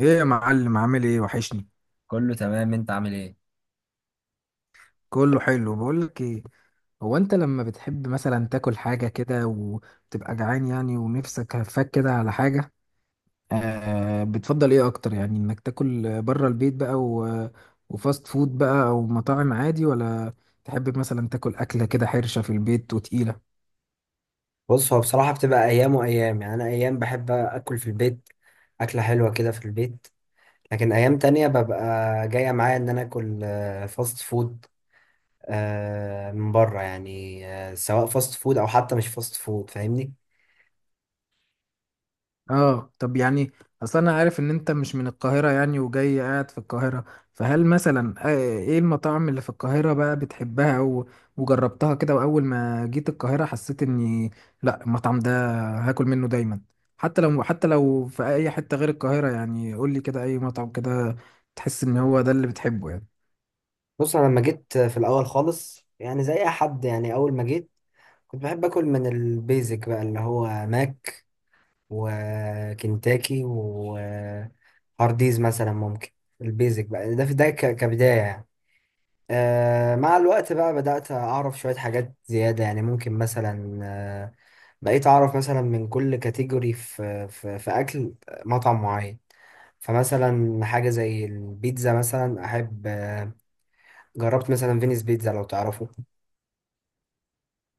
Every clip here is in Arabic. ايه يا معلم، عامل ايه؟ وحشني. كله تمام، انت عامل ايه؟ كله حلو. بقول لك ايه؟ هو انت لما بتحب مثلا تاكل حاجه كده وتبقى جعان يعني، ونفسك هفاك كده على حاجه، بتفضل ايه اكتر؟ يعني انك تاكل بره البيت بقى و... وفاست فود بقى، او مطاعم عادي؟ ولا تحب مثلا تاكل اكله كده حرشه في البيت وتقيله؟ بص، هو بصراحة بتبقى أيام وأيام. يعني أنا أيام بحب أكل في البيت، أكلة حلوة كده في البيت. لكن أيام تانية ببقى جاية معايا إن أنا آكل فاست فود. من بره يعني، سواء فاست فود أو حتى مش فاست فود، فاهمني. اه، طب، يعني اصل انا عارف ان انت مش من القاهرة يعني، وجاي قاعد في القاهرة. فهل مثلا ايه المطاعم اللي في القاهرة بقى بتحبها، او وجربتها كده، واول ما جيت القاهرة حسيت اني لا، المطعم ده هاكل منه دايما. حتى لو في اي حتة غير القاهرة، يعني قول لي كده اي مطعم كده تحس ان هو ده اللي بتحبه يعني. بص، أنا لما جيت في الأول خالص، يعني زي أي حد، يعني أول ما جيت كنت بحب أكل من البيزك بقى، اللي هو ماك وكنتاكي وهارديز مثلا. ممكن البيزك بقى ده في ده ك- كبداية يعني. آه، مع الوقت بقى بدأت أعرف شوية حاجات زيادة. يعني ممكن مثلا، بقيت أعرف مثلا من كل كاتيجوري في أكل مطعم معين. فمثلا حاجة زي البيتزا مثلا أحب. جربت مثلا فينيس بيتزا، لو تعرفه.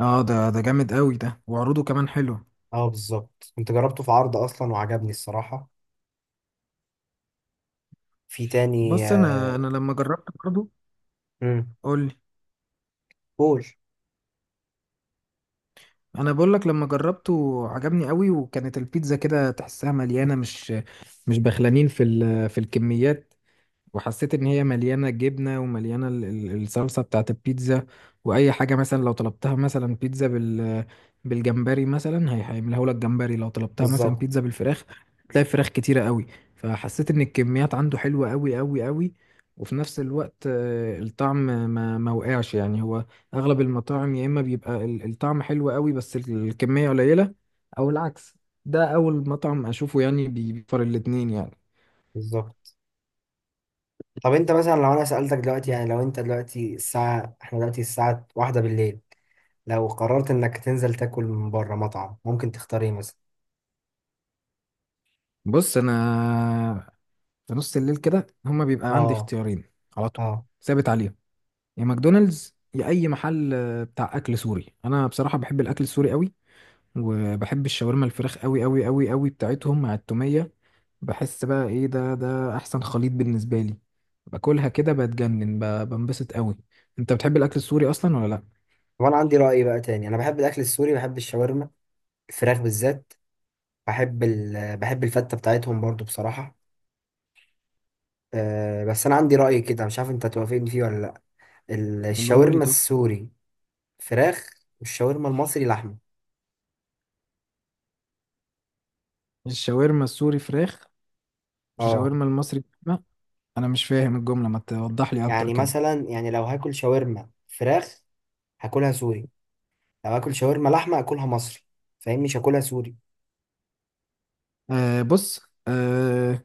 اه، ده جامد قوي، ده وعروضه كمان حلوه. اه بالظبط، كنت جربته في عرض أصلا وعجبني الصراحة في تاني. بص، انا انا لما جربت برضه. مم، قول. قول. انا بقول لك، لما جربته عجبني قوي، وكانت البيتزا كده تحسها مليانه، مش بخلانين في الكميات وحسيت ان هي مليانه جبنه ومليانه الصلصه بتاعت البيتزا. واي حاجه مثلا لو طلبتها مثلا بيتزا بالجمبري مثلا، هيعملها لك جمبري، لو طلبتها مثلا بيتزا بالظبط. بالفراخ تلاقي فراخ كتيره قوي. فحسيت ان الكميات عنده حلوه قوي قوي قوي، وفي نفس الوقت الطعم ما وقعش يعني. هو اغلب المطاعم يا اما بيبقى الطعم حلو قوي بس الكميه قليله، او العكس. ده اول مطعم اشوفه يعني بيفر الاتنين يعني. بالظبط. طب انت مثلا لو انا سألتك دلوقتي، يعني لو انت دلوقتي الساعة، احنا دلوقتي الساعة واحدة بالليل، لو قررت انك تنزل تاكل من بره مطعم، ممكن تختار ايه مثلا؟ بص، انا في نص الليل كده هما بيبقى عندي اه. اختيارين على طول، اه. ثابت عليهم. يا ماكدونالدز، يا اي محل بتاع اكل سوري. انا بصراحه بحب الاكل السوري قوي، وبحب الشاورما الفراخ قوي قوي قوي قوي بتاعتهم مع التوميه. بحس بقى ايه، ده احسن خليط بالنسبه لي. باكلها كده بتجنن، بنبسط قوي. انت بتحب الاكل السوري اصلا ولا لا؟ وانا عندي رأي بقى تاني، انا بحب الاكل السوري، بحب الشاورما الفراخ بالذات، بحب بحب الفتة بتاعتهم برضو بصراحة. أه، بس انا عندي رأي كده مش عارف انت توافقني فيه ولا لا. قولهولي الشاورما طب. السوري فراخ، والشاورما المصري لحمة. الشاورما السوري فراخ، اه، الشاورما المصري لحمة؟ انا مش فاهم الجمله، ما توضح لي اكتر يعني كده. مثلا، يعني لو هاكل شاورما فراخ هاكلها سوري، لو اكل شاورما لحمه اكلها مصري. فاهم؟ مش هاكلها سوري. آه، بص. آه،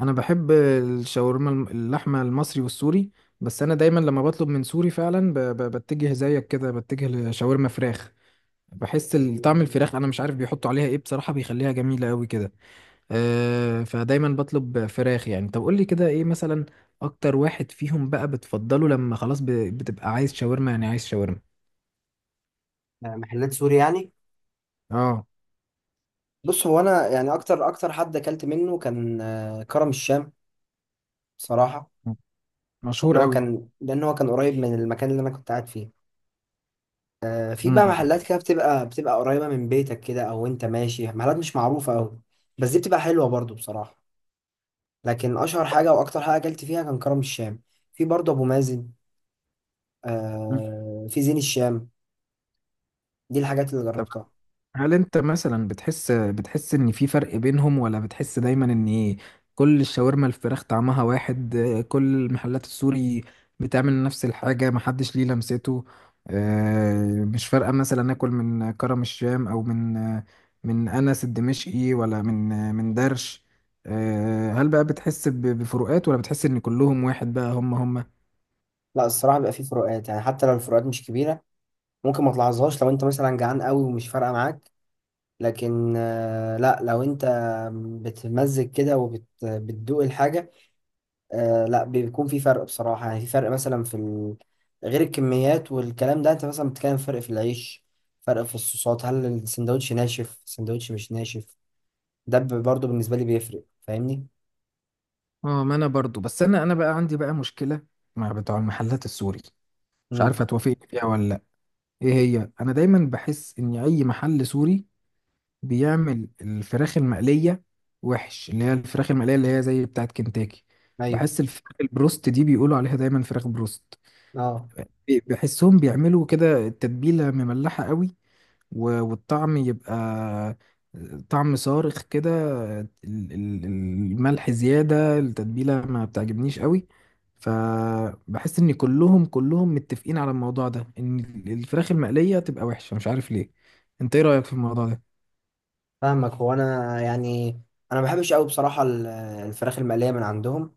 انا بحب الشاورما اللحمه المصري والسوري. بس انا دايما لما بطلب من سوري فعلا بتجه زيك كده، بتجه لشاورما فراخ. بحس طعم الفراخ، انا مش عارف بيحطوا عليها ايه بصراحه، بيخليها جميله قوي كده. فدايما بطلب فراخ يعني. طب قول لي كده، ايه مثلا اكتر واحد فيهم بقى بتفضله لما خلاص بتبقى عايز شاورما؟ يعني عايز شاورما. محلات سوري يعني. اه، بص، هو انا يعني اكتر حد اكلت منه كان، كرم الشام بصراحه. مشهور لان هو قوي. كان لان هو كان قريب من المكان اللي انا كنت قاعد فيه. في بقى امم محلات كده بتبقى قريبه من بيتك كده، او انت ماشي محلات مش معروفه قوي، بس دي بتبقى حلوه برضو بصراحه. لكن اشهر حاجه واكتر حاجه اكلت فيها كان كرم الشام. في برضو ابو مازن، في زين الشام. دي الحاجات اللي جربتها. هل انت مثلا بتحس ان في فرق بينهم، ولا بتحس دايما ان كل الشاورما الفراخ طعمها واحد؟ كل المحلات السوري بتعمل نفس الحاجة، محدش ليه لمسته؟ مش فارقة مثلا اكل من كرم الشام او من من انس الدمشقي ولا من من درش؟ هل بقى بتحس بفروقات، ولا بتحس ان كلهم واحد بقى هم هم؟ لا، الصراحه بيبقى في فروقات يعني، حتى لو الفروقات مش كبيره ممكن ما تلاحظهاش لو انت مثلا جعان قوي ومش فارقه معاك. لكن لا لو انت بتمزج كده وبتدوق الحاجه، لا بيكون في فرق بصراحه. يعني في فرق مثلا في غير الكميات والكلام ده. انت مثلا بتتكلم فرق في العيش، فرق في الصوصات، هل السندوتش ناشف السندوتش مش ناشف؟ ده برضه بالنسبه لي بيفرق، فاهمني. اه، ما انا برضو. بس انا بقى عندي بقى مشكلة مع بتوع المحلات السوري. مش عارف امم. هتوافقني فيها ولا. ايه هي؟ انا دايما بحس ان اي محل سوري بيعمل الفراخ المقليه وحش، اللي هي الفراخ المقليه اللي هي زي بتاعه كنتاكي. ايوه. بحس الفراخ البروست دي، بيقولوا عليها دايما فراخ بروست، اه بحسهم بيعملوا كده التتبيله مملحه قوي، و- والطعم يبقى طعم صارخ كده. ال- الملح زيادة، التتبيلة ما بتعجبنيش قوي. فبحس ان كلهم متفقين على الموضوع ده، ان الفراخ المقلية تبقى وحشة، مش عارف ليه. انت ايه رأيك في الموضوع ده؟ فاهمك. هو انا يعني انا ما بحبش قوي بصراحه الفراخ المقليه من عندهم.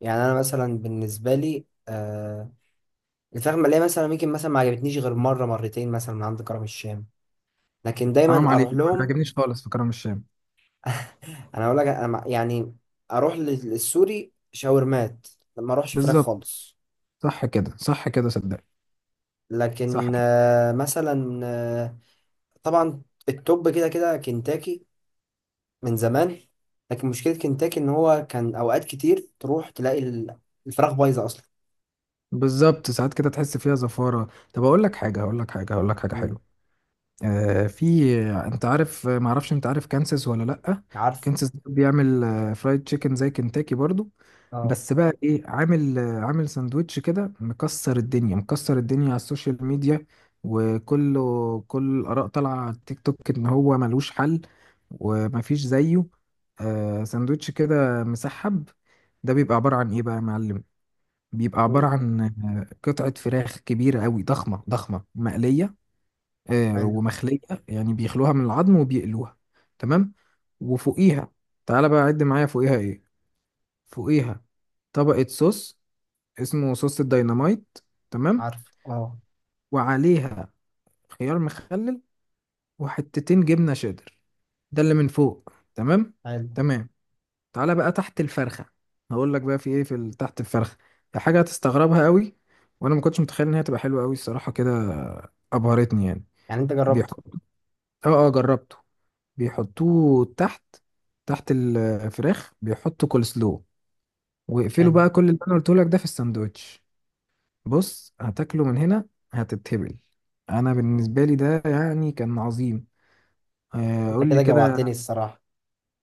يعني انا مثلا بالنسبه لي، الفراخ المقليه مثلا ممكن مثلا ما عجبتنيش غير مره مرتين مثلا من عند كرم الشام، لكن حرام دايما عليك، اروح ما لهم. بيعجبنيش خالص في كرم الشام. انا اقول لك انا يعني اروح للسوري شاورمات، ما اروحش فراخ بالظبط، خالص. صح كده، صح كده، صدق. صح. لكن آه مثلا آه طبعا التوب كده كده كنتاكي من زمان، لكن مشكله كنتاكي ان هو كان اوقات كتير تروح تلاقي الفراخ بايظه اصلا. بالظبط، ساعات كده تحس فيها زفارة. طب اقول لك حاجة هقول لك حاجة هقول لك حاجة مم. حلوة. آه، في انت عارف، ما اعرفش، انت عارف كانساس ولا لا؟ عارف. كانساس ده بيعمل فرايد تشيكن زي كنتاكي برضو. اه. بس بقى ايه، عامل عامل ساندوتش كده، مكسر الدنيا مكسر الدنيا على السوشيال ميديا، كل الاراء طالعه على التيك توك ان هو ملوش حل ومفيش زيه. ساندوتش كده مسحب. ده بيبقى عباره عن ايه بقى يا معلم؟ بيبقى عباره عن قطعه فراخ كبيره قوي، ضخمه ضخمه، مقليه حلو. ومخلية. يعني بيخلوها من العظم وبيقلوها. تمام. وفوقيها... تعالى بقى عد معايا، فوقيها ايه. فوقيها طبقة صوص، اسمه صوص الديناميت. تمام. عارف. اه. وعليها خيار مخلل، وحتتين جبنة شيدر. ده اللي من فوق، تمام. حلو. تمام. تعالى بقى تحت الفرخة. هقول لك بقى في ايه في تحت الفرخة. ده حاجة هتستغربها قوي، وانا ما كنتش متخيل ان هي تبقى حلوة قوي، الصراحة كده ابهرتني يعني. يعني انت جربته؟ بيحط. اه، اه، جربته. بيحطوه تحت، تحت الفراخ بيحطوا كول سلو، واقفلوا حلو. بقى كل اللي انا قلته لك ده في الساندوتش. بص، هتاكله من هنا هتتهبل. انا بالنسبه لي ده يعني كان عظيم. انت قول لي كده كده. جوعتني الصراحة.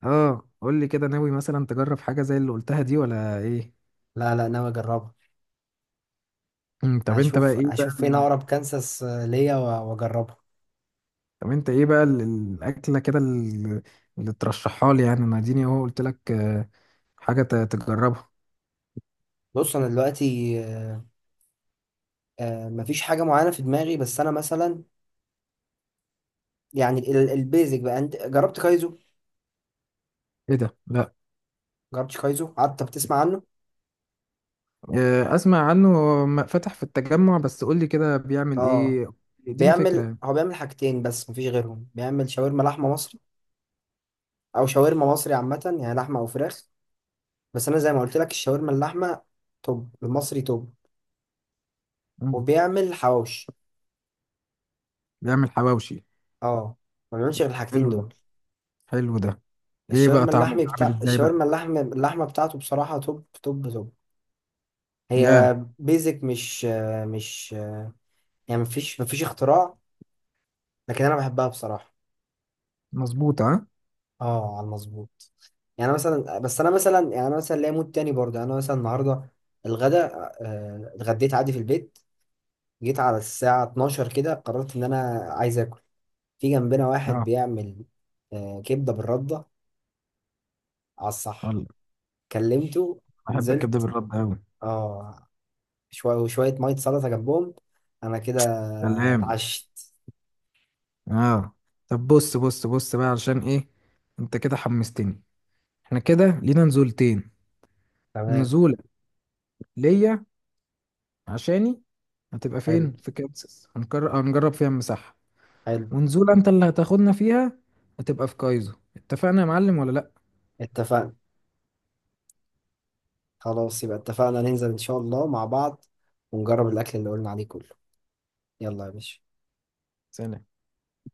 اه، قول لي كده، ناوي مثلا تجرب حاجه زي اللي قلتها دي ولا ايه؟ لا لا، ناوي اجربها. مم، طب انت بقى هشوف ايه بقى هشوف فين ال- اقرب كانساس ليا واجربها. طب انت ايه بقى الاكله كده اللي ترشحها لي يعني. انا اديني اهو، قلت لك حاجه تجربها. بص انا دلوقتي، مفيش حاجة معينة في دماغي، بس انا مثلا يعني البيزك بقى، انت جربت كايزو؟ ايه ده؟ لا. جربتش كايزو؟ قعدت بتسمع عنه. آه، اسمع عنه. فتح في التجمع، بس قول لي كده بيعمل اه. ايه، اديني فكرة بيعمل، يعني. هو بيعمل حاجتين بس، مفيش غيرهم. بيعمل شاورما لحمة مصري، او شاورما مصري عامة يعني، لحمة او فراخ. بس انا زي ما قلت لك، الشاورما اللحمة توب المصري توب. مم. وبيعمل حواوشي. بيعمل حواوشي. اه، ما بيعملش غير الحاجتين حلو ده. دول. حلو ده. ايه بقى الشاورما طعمه اللحمي عامل بتاع، ازاي بقى؟ الشاورما اللحم اللحمه بتاعته بصراحه توب توب توب. هي ياه. بيزك مش مش، يعني مفيش مفيش اختراع، لكن انا بحبها بصراحه. مظبوط، ها؟ اه على المظبوط. يعني أنا مثلا، بس انا مثلا، يعني انا مثلا ليا مود تاني برضه. يعني انا مثلا النهارده الغدا، اتغديت عادي في البيت. جيت على الساعه 12 كده قررت ان انا عايز اكل. في جنبنا واحد اه، بيعمل، كبده بالرده، على الصح. والله، كلمته، بحب الكبده نزلت. بالرد قوي. اه، شوية وشوية مية سلطة جنبهم، أنا كده سلام. اتعشت. اه، طب بص بص بص بقى، علشان ايه انت كده حمستني. احنا كده لينا نزولتين. تمام. نزولة ليا، عشاني، هتبقى حلو. فين؟ في كانساس، هنجرب فيها المساحة. حلو. ونزولة انت اللي هتاخدنا فيها، هتبقى في كايزو. اتفقنا يا معلم ولا لا؟ اتفقنا. خلاص يبقى اتفقنا ننزل إن شاء الله مع بعض ونجرب الأكل اللي قلنا عليه كله. يلا يا باشا. سلام.